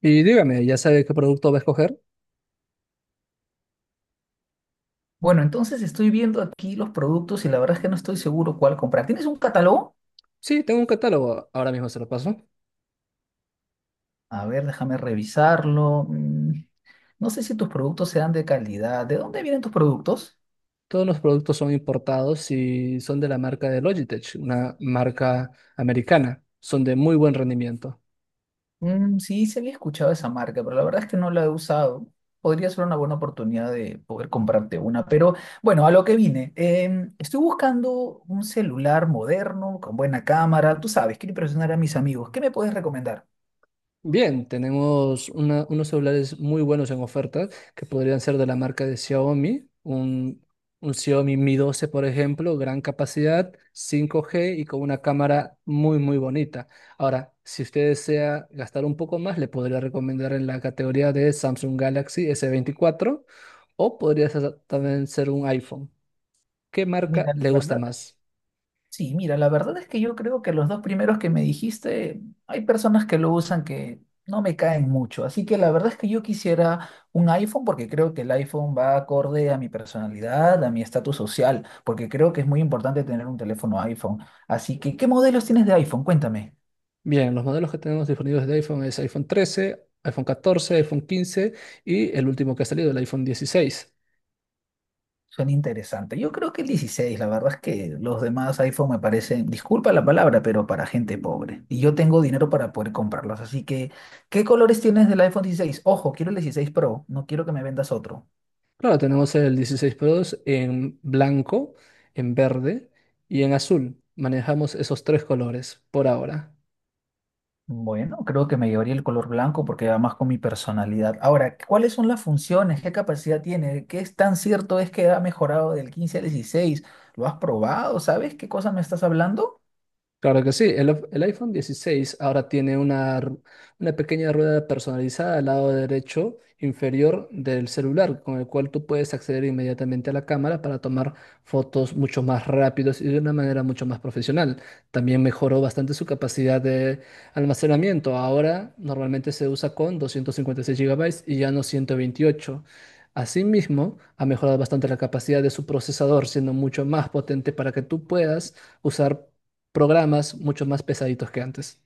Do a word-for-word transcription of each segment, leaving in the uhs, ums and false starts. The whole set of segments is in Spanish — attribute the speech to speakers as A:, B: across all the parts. A: Y dígame, ¿ya sabe qué producto va a escoger?
B: Bueno, entonces estoy viendo aquí los productos y la verdad es que no estoy seguro cuál comprar. ¿Tienes un catálogo?
A: Sí, tengo un catálogo, ahora mismo se lo paso.
B: A ver, déjame revisarlo. Mm, no sé si tus productos sean de calidad. ¿De dónde vienen tus productos?
A: Todos los productos son importados y son de la marca de Logitech, una marca americana. Son de muy buen rendimiento.
B: Mm, sí, se había escuchado esa marca, pero la verdad es que no la he usado. Podría ser una buena oportunidad de poder comprarte una, pero bueno, a lo que vine. Em, estoy buscando un celular moderno, con buena cámara. Tú sabes, quiero impresionar a mis amigos. ¿Qué me puedes recomendar?
A: Bien, tenemos una- unos celulares muy buenos en oferta que podrían ser de la marca de Xiaomi, un, un Xiaomi Mi doce, por ejemplo, gran capacidad, cinco G y con una cámara muy, muy bonita. Ahora, si usted desea gastar un poco más, le podría recomendar en la categoría de Samsung Galaxy s veinticuatro o podría ser- también ser un iPhone. ¿Qué marca
B: Mira, la
A: le gusta
B: verdad
A: más?
B: Sí, mira, la verdad es que yo creo que los dos primeros que me dijiste, hay personas que lo usan que no me caen mucho. Así que la verdad es que yo quisiera un iPhone porque creo que el iPhone va acorde a mi personalidad, a mi estatus social, porque creo que es muy importante tener un teléfono iPhone. Así que, ¿qué modelos tienes de iPhone? Cuéntame.
A: Bien, los modelos que tenemos disponibles de iPhone es iPhone trece, iPhone catorce, iPhone quince y el último que ha salido, el iPhone dieciséis.
B: Suena interesante. Yo creo que el dieciséis, la verdad es que los demás iPhone me parecen, disculpa la palabra, pero para gente pobre. Y yo tengo dinero para poder comprarlos. Así que, ¿qué colores tienes del iPhone dieciséis? Ojo, quiero el dieciséis Pro, no quiero que me vendas otro.
A: Claro, tenemos el dieciséis Pro en blanco, en verde y en azul. Manejamos esos tres colores por ahora.
B: Bueno, creo que me llevaría el color blanco porque va más con mi personalidad. Ahora, ¿cuáles son las funciones? ¿Qué capacidad tiene? ¿Qué es tan cierto es que ha mejorado del quince al dieciséis? ¿Lo has probado? ¿Sabes qué cosa me estás hablando?
A: Claro que sí, el, el iPhone dieciséis ahora tiene una, r- una pequeña rueda personalizada al lado derecho inferior del celular, con el cual tú puedes acceder inmediatamente a la cámara para tomar fotos mucho más rápidos y de una manera mucho más profesional. También mejoró bastante su capacidad de almacenamiento. Ahora normalmente se usa con doscientos cincuenta y seis gigabytes y ya no ciento veintiocho. Asimismo, ha mejorado bastante la capacidad de su procesador, siendo mucho más potente para que tú puedas usar programas mucho más pesaditos que antes.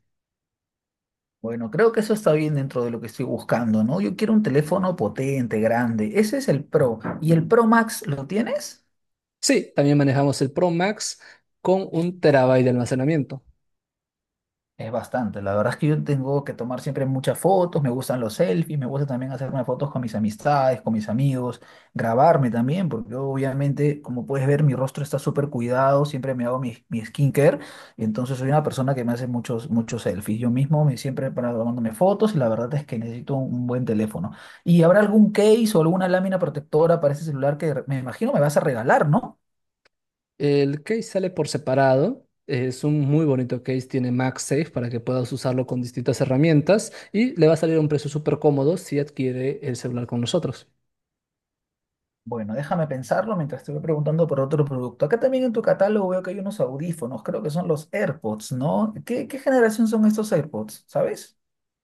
B: Bueno, creo que eso está bien dentro de lo que estoy buscando, ¿no? Yo quiero un teléfono potente, grande. Ese es el Pro. ¿Y el Pro Max lo tienes?
A: Sí, también manejamos el Pro Max con un terabyte de almacenamiento.
B: Es bastante. La verdad es que yo tengo que tomar siempre muchas fotos, me gustan los selfies, me gusta también hacerme fotos con mis amistades, con mis amigos, grabarme también, porque obviamente, como puedes ver, mi rostro está súper cuidado, siempre me hago mi, mi skincare, y entonces soy una persona que me hace muchos, muchos selfies. Yo mismo me siempre para tomándome fotos y la verdad es que necesito un buen teléfono. ¿Y habrá algún case o alguna lámina protectora para ese celular que me imagino me vas a regalar, no?
A: El case sale por separado. Es un muy bonito case, tiene MagSafe para que puedas usarlo con distintas herramientas y le va a salir a un precio súper cómodo si adquiere el celular con nosotros.
B: Bueno, déjame pensarlo mientras te voy preguntando por otro producto. Acá también en tu catálogo veo que hay unos audífonos, creo que son los AirPods, ¿no? ¿Qué, qué generación son estos AirPods? ¿Sabes?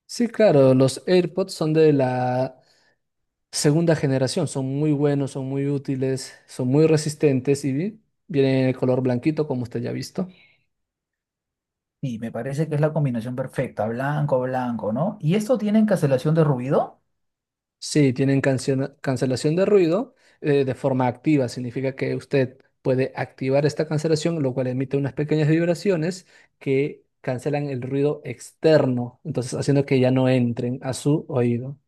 A: Sí, claro, los AirPods son de la segunda generación, son muy buenos, son muy útiles, son muy resistentes y vi- vienen en el color blanquito como usted ya ha visto.
B: Y me parece que es la combinación perfecta, blanco, blanco, ¿no? ¿Y esto tienen cancelación de ruido?
A: Sí, tienen canciona- cancelación de ruido eh, de forma activa. Significa que usted puede activar esta cancelación, lo cual emite unas pequeñas vibraciones que cancelan el ruido externo, entonces haciendo que ya no entren a su oído.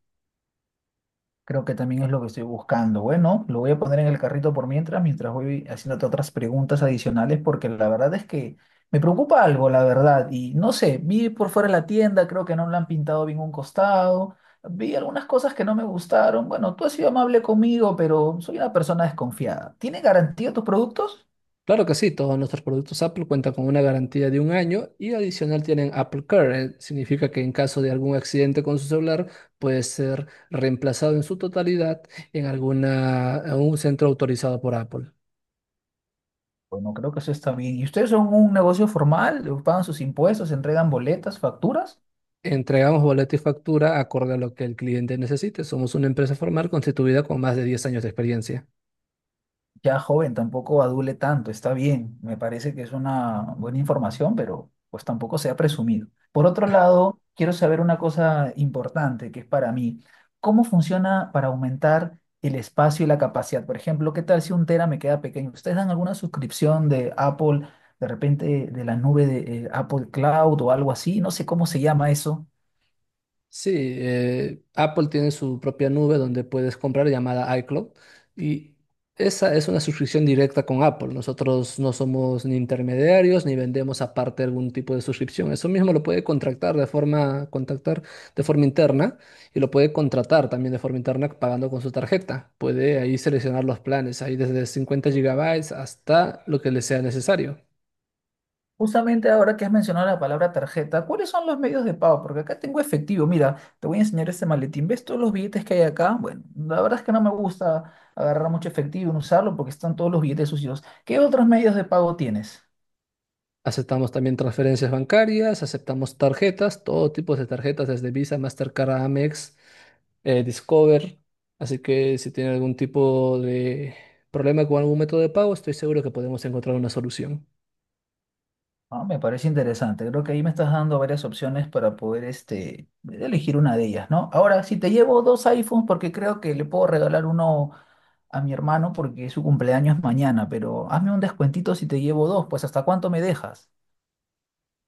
B: Creo que también es lo que estoy buscando. Bueno, lo voy a poner en el carrito por mientras, mientras voy haciéndote otras preguntas adicionales, porque la verdad es que me preocupa algo, la verdad. Y no sé, vi por fuera la tienda, creo que no la han pintado bien un costado, vi algunas cosas que no me gustaron. Bueno, tú has sido amable conmigo, pero soy una persona desconfiada. ¿Tiene garantía tus productos?
A: Claro que sí, todos nuestros productos Apple cuentan con una garantía de un año y adicional tienen Apple Care. eh, Significa que en caso de algún accidente con su celular puede ser reemplazado en su totalidad en alguna, en un centro autorizado por Apple.
B: Bueno, creo que eso está bien. ¿Y ustedes son un negocio formal? ¿Pagan sus impuestos? ¿Entregan boletas, facturas?
A: Entregamos boleto y factura acorde a lo que el cliente necesite. Somos una empresa formal constituida con más de diez años de experiencia.
B: Ya joven, tampoco adule tanto, está bien. Me parece que es una buena información, pero pues tampoco sea presumido. Por otro lado, quiero saber una cosa importante que es para mí. ¿Cómo funciona para aumentar el espacio y la capacidad? Por ejemplo, ¿qué tal si un tera me queda pequeño? ¿Ustedes dan alguna suscripción de Apple, de repente de la nube de eh, Apple Cloud o algo así? No sé cómo se llama eso.
A: Sí, eh, Apple tiene su propia nube donde puedes comprar llamada iCloud y esa es una suscripción directa con Apple. Nosotros no somos ni intermediarios ni vendemos aparte algún tipo de suscripción. Eso mismo lo puede contratar de forma, contactar de forma interna y lo puede contratar también de forma interna pagando con su tarjeta. Puede ahí seleccionar los planes, ahí desde cincuenta gigabytes hasta lo que le sea necesario.
B: Justamente ahora que has mencionado la palabra tarjeta, ¿cuáles son los medios de pago? Porque acá tengo efectivo. Mira, te voy a enseñar este maletín. ¿Ves todos los billetes que hay acá? Bueno, la verdad es que no me gusta agarrar mucho efectivo y no usarlo porque están todos los billetes sucios. ¿Qué otros medios de pago tienes?
A: Aceptamos también transferencias bancarias, aceptamos tarjetas, todo tipo de tarjetas, desde Visa, Mastercard, Amex, eh, Discover. Así que si tiene algún tipo de problema con algún método de pago, estoy seguro que podemos encontrar una solución.
B: Ah, me parece interesante. Creo que ahí me estás dando varias opciones para poder este, elegir una de ellas, ¿no? Ahora, si te llevo dos iPhones, porque creo que le puedo regalar uno a mi hermano porque su cumpleaños es mañana, pero hazme un descuentito si te llevo dos, pues ¿hasta cuánto me dejas?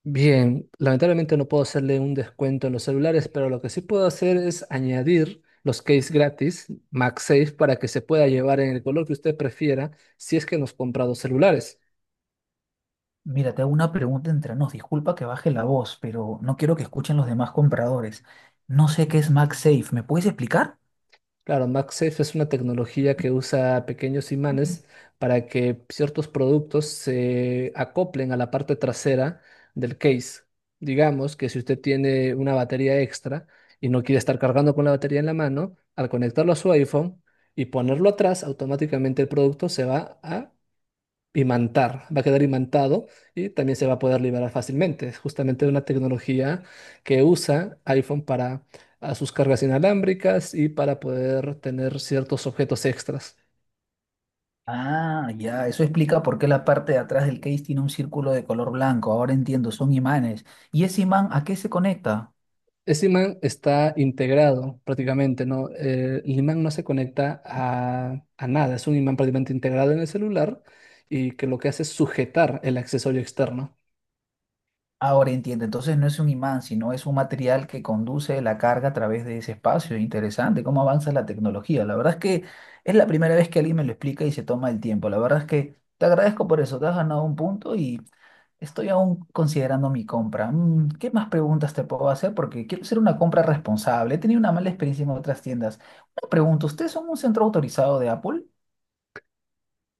A: Bien, lamentablemente no puedo hacerle un descuento en los celulares, pero lo que sí puedo hacer es añadir los case gratis MagSafe para que se pueda llevar en el color que usted prefiera si es que nos compra dos celulares.
B: Mira, te hago una pregunta entre nos. Disculpa que baje la voz, pero no quiero que escuchen los demás compradores. No sé qué es MagSafe. ¿Me puedes explicar?
A: Claro, MagSafe es una tecnología que usa pequeños imanes para que ciertos productos se acoplen a la parte trasera del case. Digamos que si usted tiene una batería extra y no quiere estar cargando con la batería en la mano, al conectarlo a su iPhone y ponerlo atrás, automáticamente el producto se va a imantar, va a quedar imantado y también se va a poder liberar fácilmente. Es justamente una tecnología que usa iPhone para a sus cargas inalámbricas y para poder tener ciertos objetos extras.
B: Ah, ya, eso explica por qué la parte de atrás del case tiene un círculo de color blanco. Ahora entiendo, son imanes. ¿Y ese imán a qué se conecta?
A: Ese imán está integrado prácticamente, ¿no? Eh, el imán no se conecta a, a nada, es un imán prácticamente integrado en el celular y que lo que hace es sujetar el accesorio externo.
B: Ahora entiendo, entonces no es un imán, sino es un material que conduce la carga a través de ese espacio. Interesante, cómo avanza la tecnología. La verdad es que es la primera vez que alguien me lo explica y se toma el tiempo. La verdad es que te agradezco por eso, te has ganado un punto y estoy aún considerando mi compra. Mm, ¿Qué más preguntas te puedo hacer? Porque quiero hacer una compra responsable. He tenido una mala experiencia en otras tiendas. Una pregunta, ¿ustedes son un centro autorizado de Apple?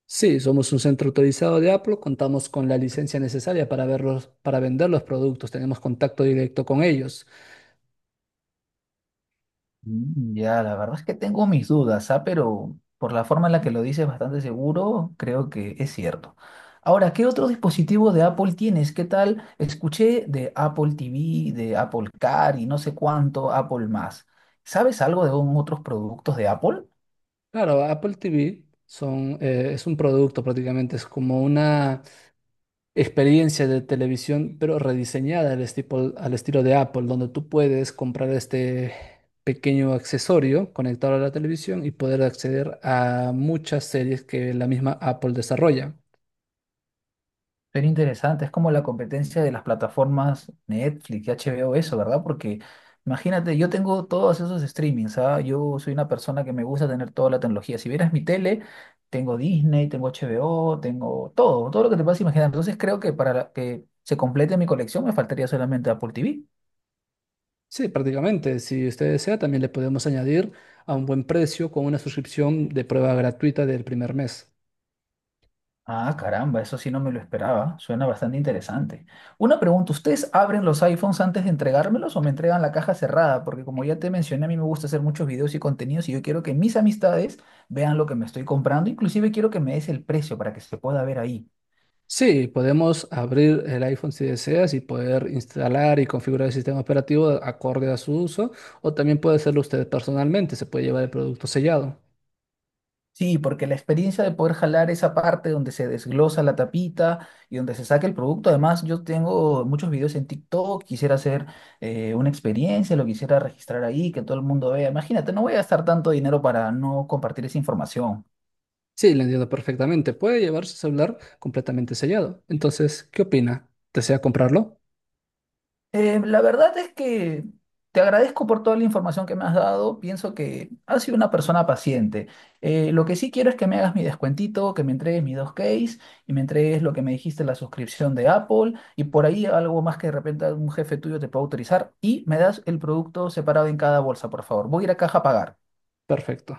A: Sí, somos un centro autorizado de Apple, contamos con la licencia necesaria para verlos, para vender los productos, tenemos contacto directo con ellos.
B: Mm, ya, la verdad es que tengo mis dudas, ¿ah? Pero por la forma en la que lo dices bastante seguro, creo que es cierto. Ahora, ¿qué otro dispositivo de Apple tienes? ¿Qué tal? Escuché de Apple T V, de Apple Car y no sé cuánto, Apple más. ¿Sabes algo de un- otros productos de Apple?
A: Claro, Apple T V son, eh, es un producto prácticamente, es como una experiencia de televisión, pero rediseñada al estilo, al estilo de Apple, donde tú puedes comprar este pequeño accesorio conectado a la televisión y poder acceder a muchas series que la misma Apple desarrolla.
B: Pero interesante, es como la competencia de las plataformas Netflix y H B O, eso, ¿verdad? Porque imagínate, yo tengo todos esos streamings, ¿ah? Yo soy una persona que me gusta tener toda la tecnología. Si vieras mi tele, tengo Disney, tengo H B O, tengo todo, todo lo que te puedas imaginar. Entonces creo que para la- que se complete mi colección me faltaría solamente Apple T V.
A: Sí, prácticamente. Si usted desea, también le podemos añadir a un buen precio con una suscripción de prueba gratuita del primer mes.
B: Ah, caramba, eso sí no me lo esperaba. Suena bastante interesante. Una pregunta, ¿ustedes abren los iPhones antes de entregármelos o me entregan la caja cerrada? Porque como ya te mencioné, a mí me gusta hacer muchos videos y contenidos y yo quiero que mis amistades vean lo que me estoy comprando. Inclusive quiero que me des el precio para que se pueda ver ahí.
A: Sí, podemos abrir el iPhone si deseas y poder instalar y configurar el sistema operativo acorde a su uso, o también puede hacerlo usted personalmente, se puede llevar el producto sellado.
B: Sí, porque la experiencia de poder jalar esa parte donde se desglosa la tapita y donde se saca el producto. Además, yo tengo muchos videos en TikTok, quisiera hacer eh, una experiencia, lo quisiera registrar ahí, que todo el mundo vea. Imagínate, no voy a gastar tanto dinero para no compartir esa información.
A: Sí, le entiendo perfectamente, puede llevar su celular completamente sellado. Entonces, ¿qué opina? ¿Desea comprarlo?
B: Eh, la verdad es que te agradezco por toda la información que me has dado. Pienso que has sido una persona paciente. Eh, lo que sí quiero es que me hagas mi descuentito, que me entregues mis dos case y me entregues lo que me dijiste, la suscripción de Apple y por ahí algo más que de repente un jefe tuyo te pueda autorizar y me das el producto separado en cada bolsa, por favor. Voy a ir a caja a pagar.
A: Perfecto.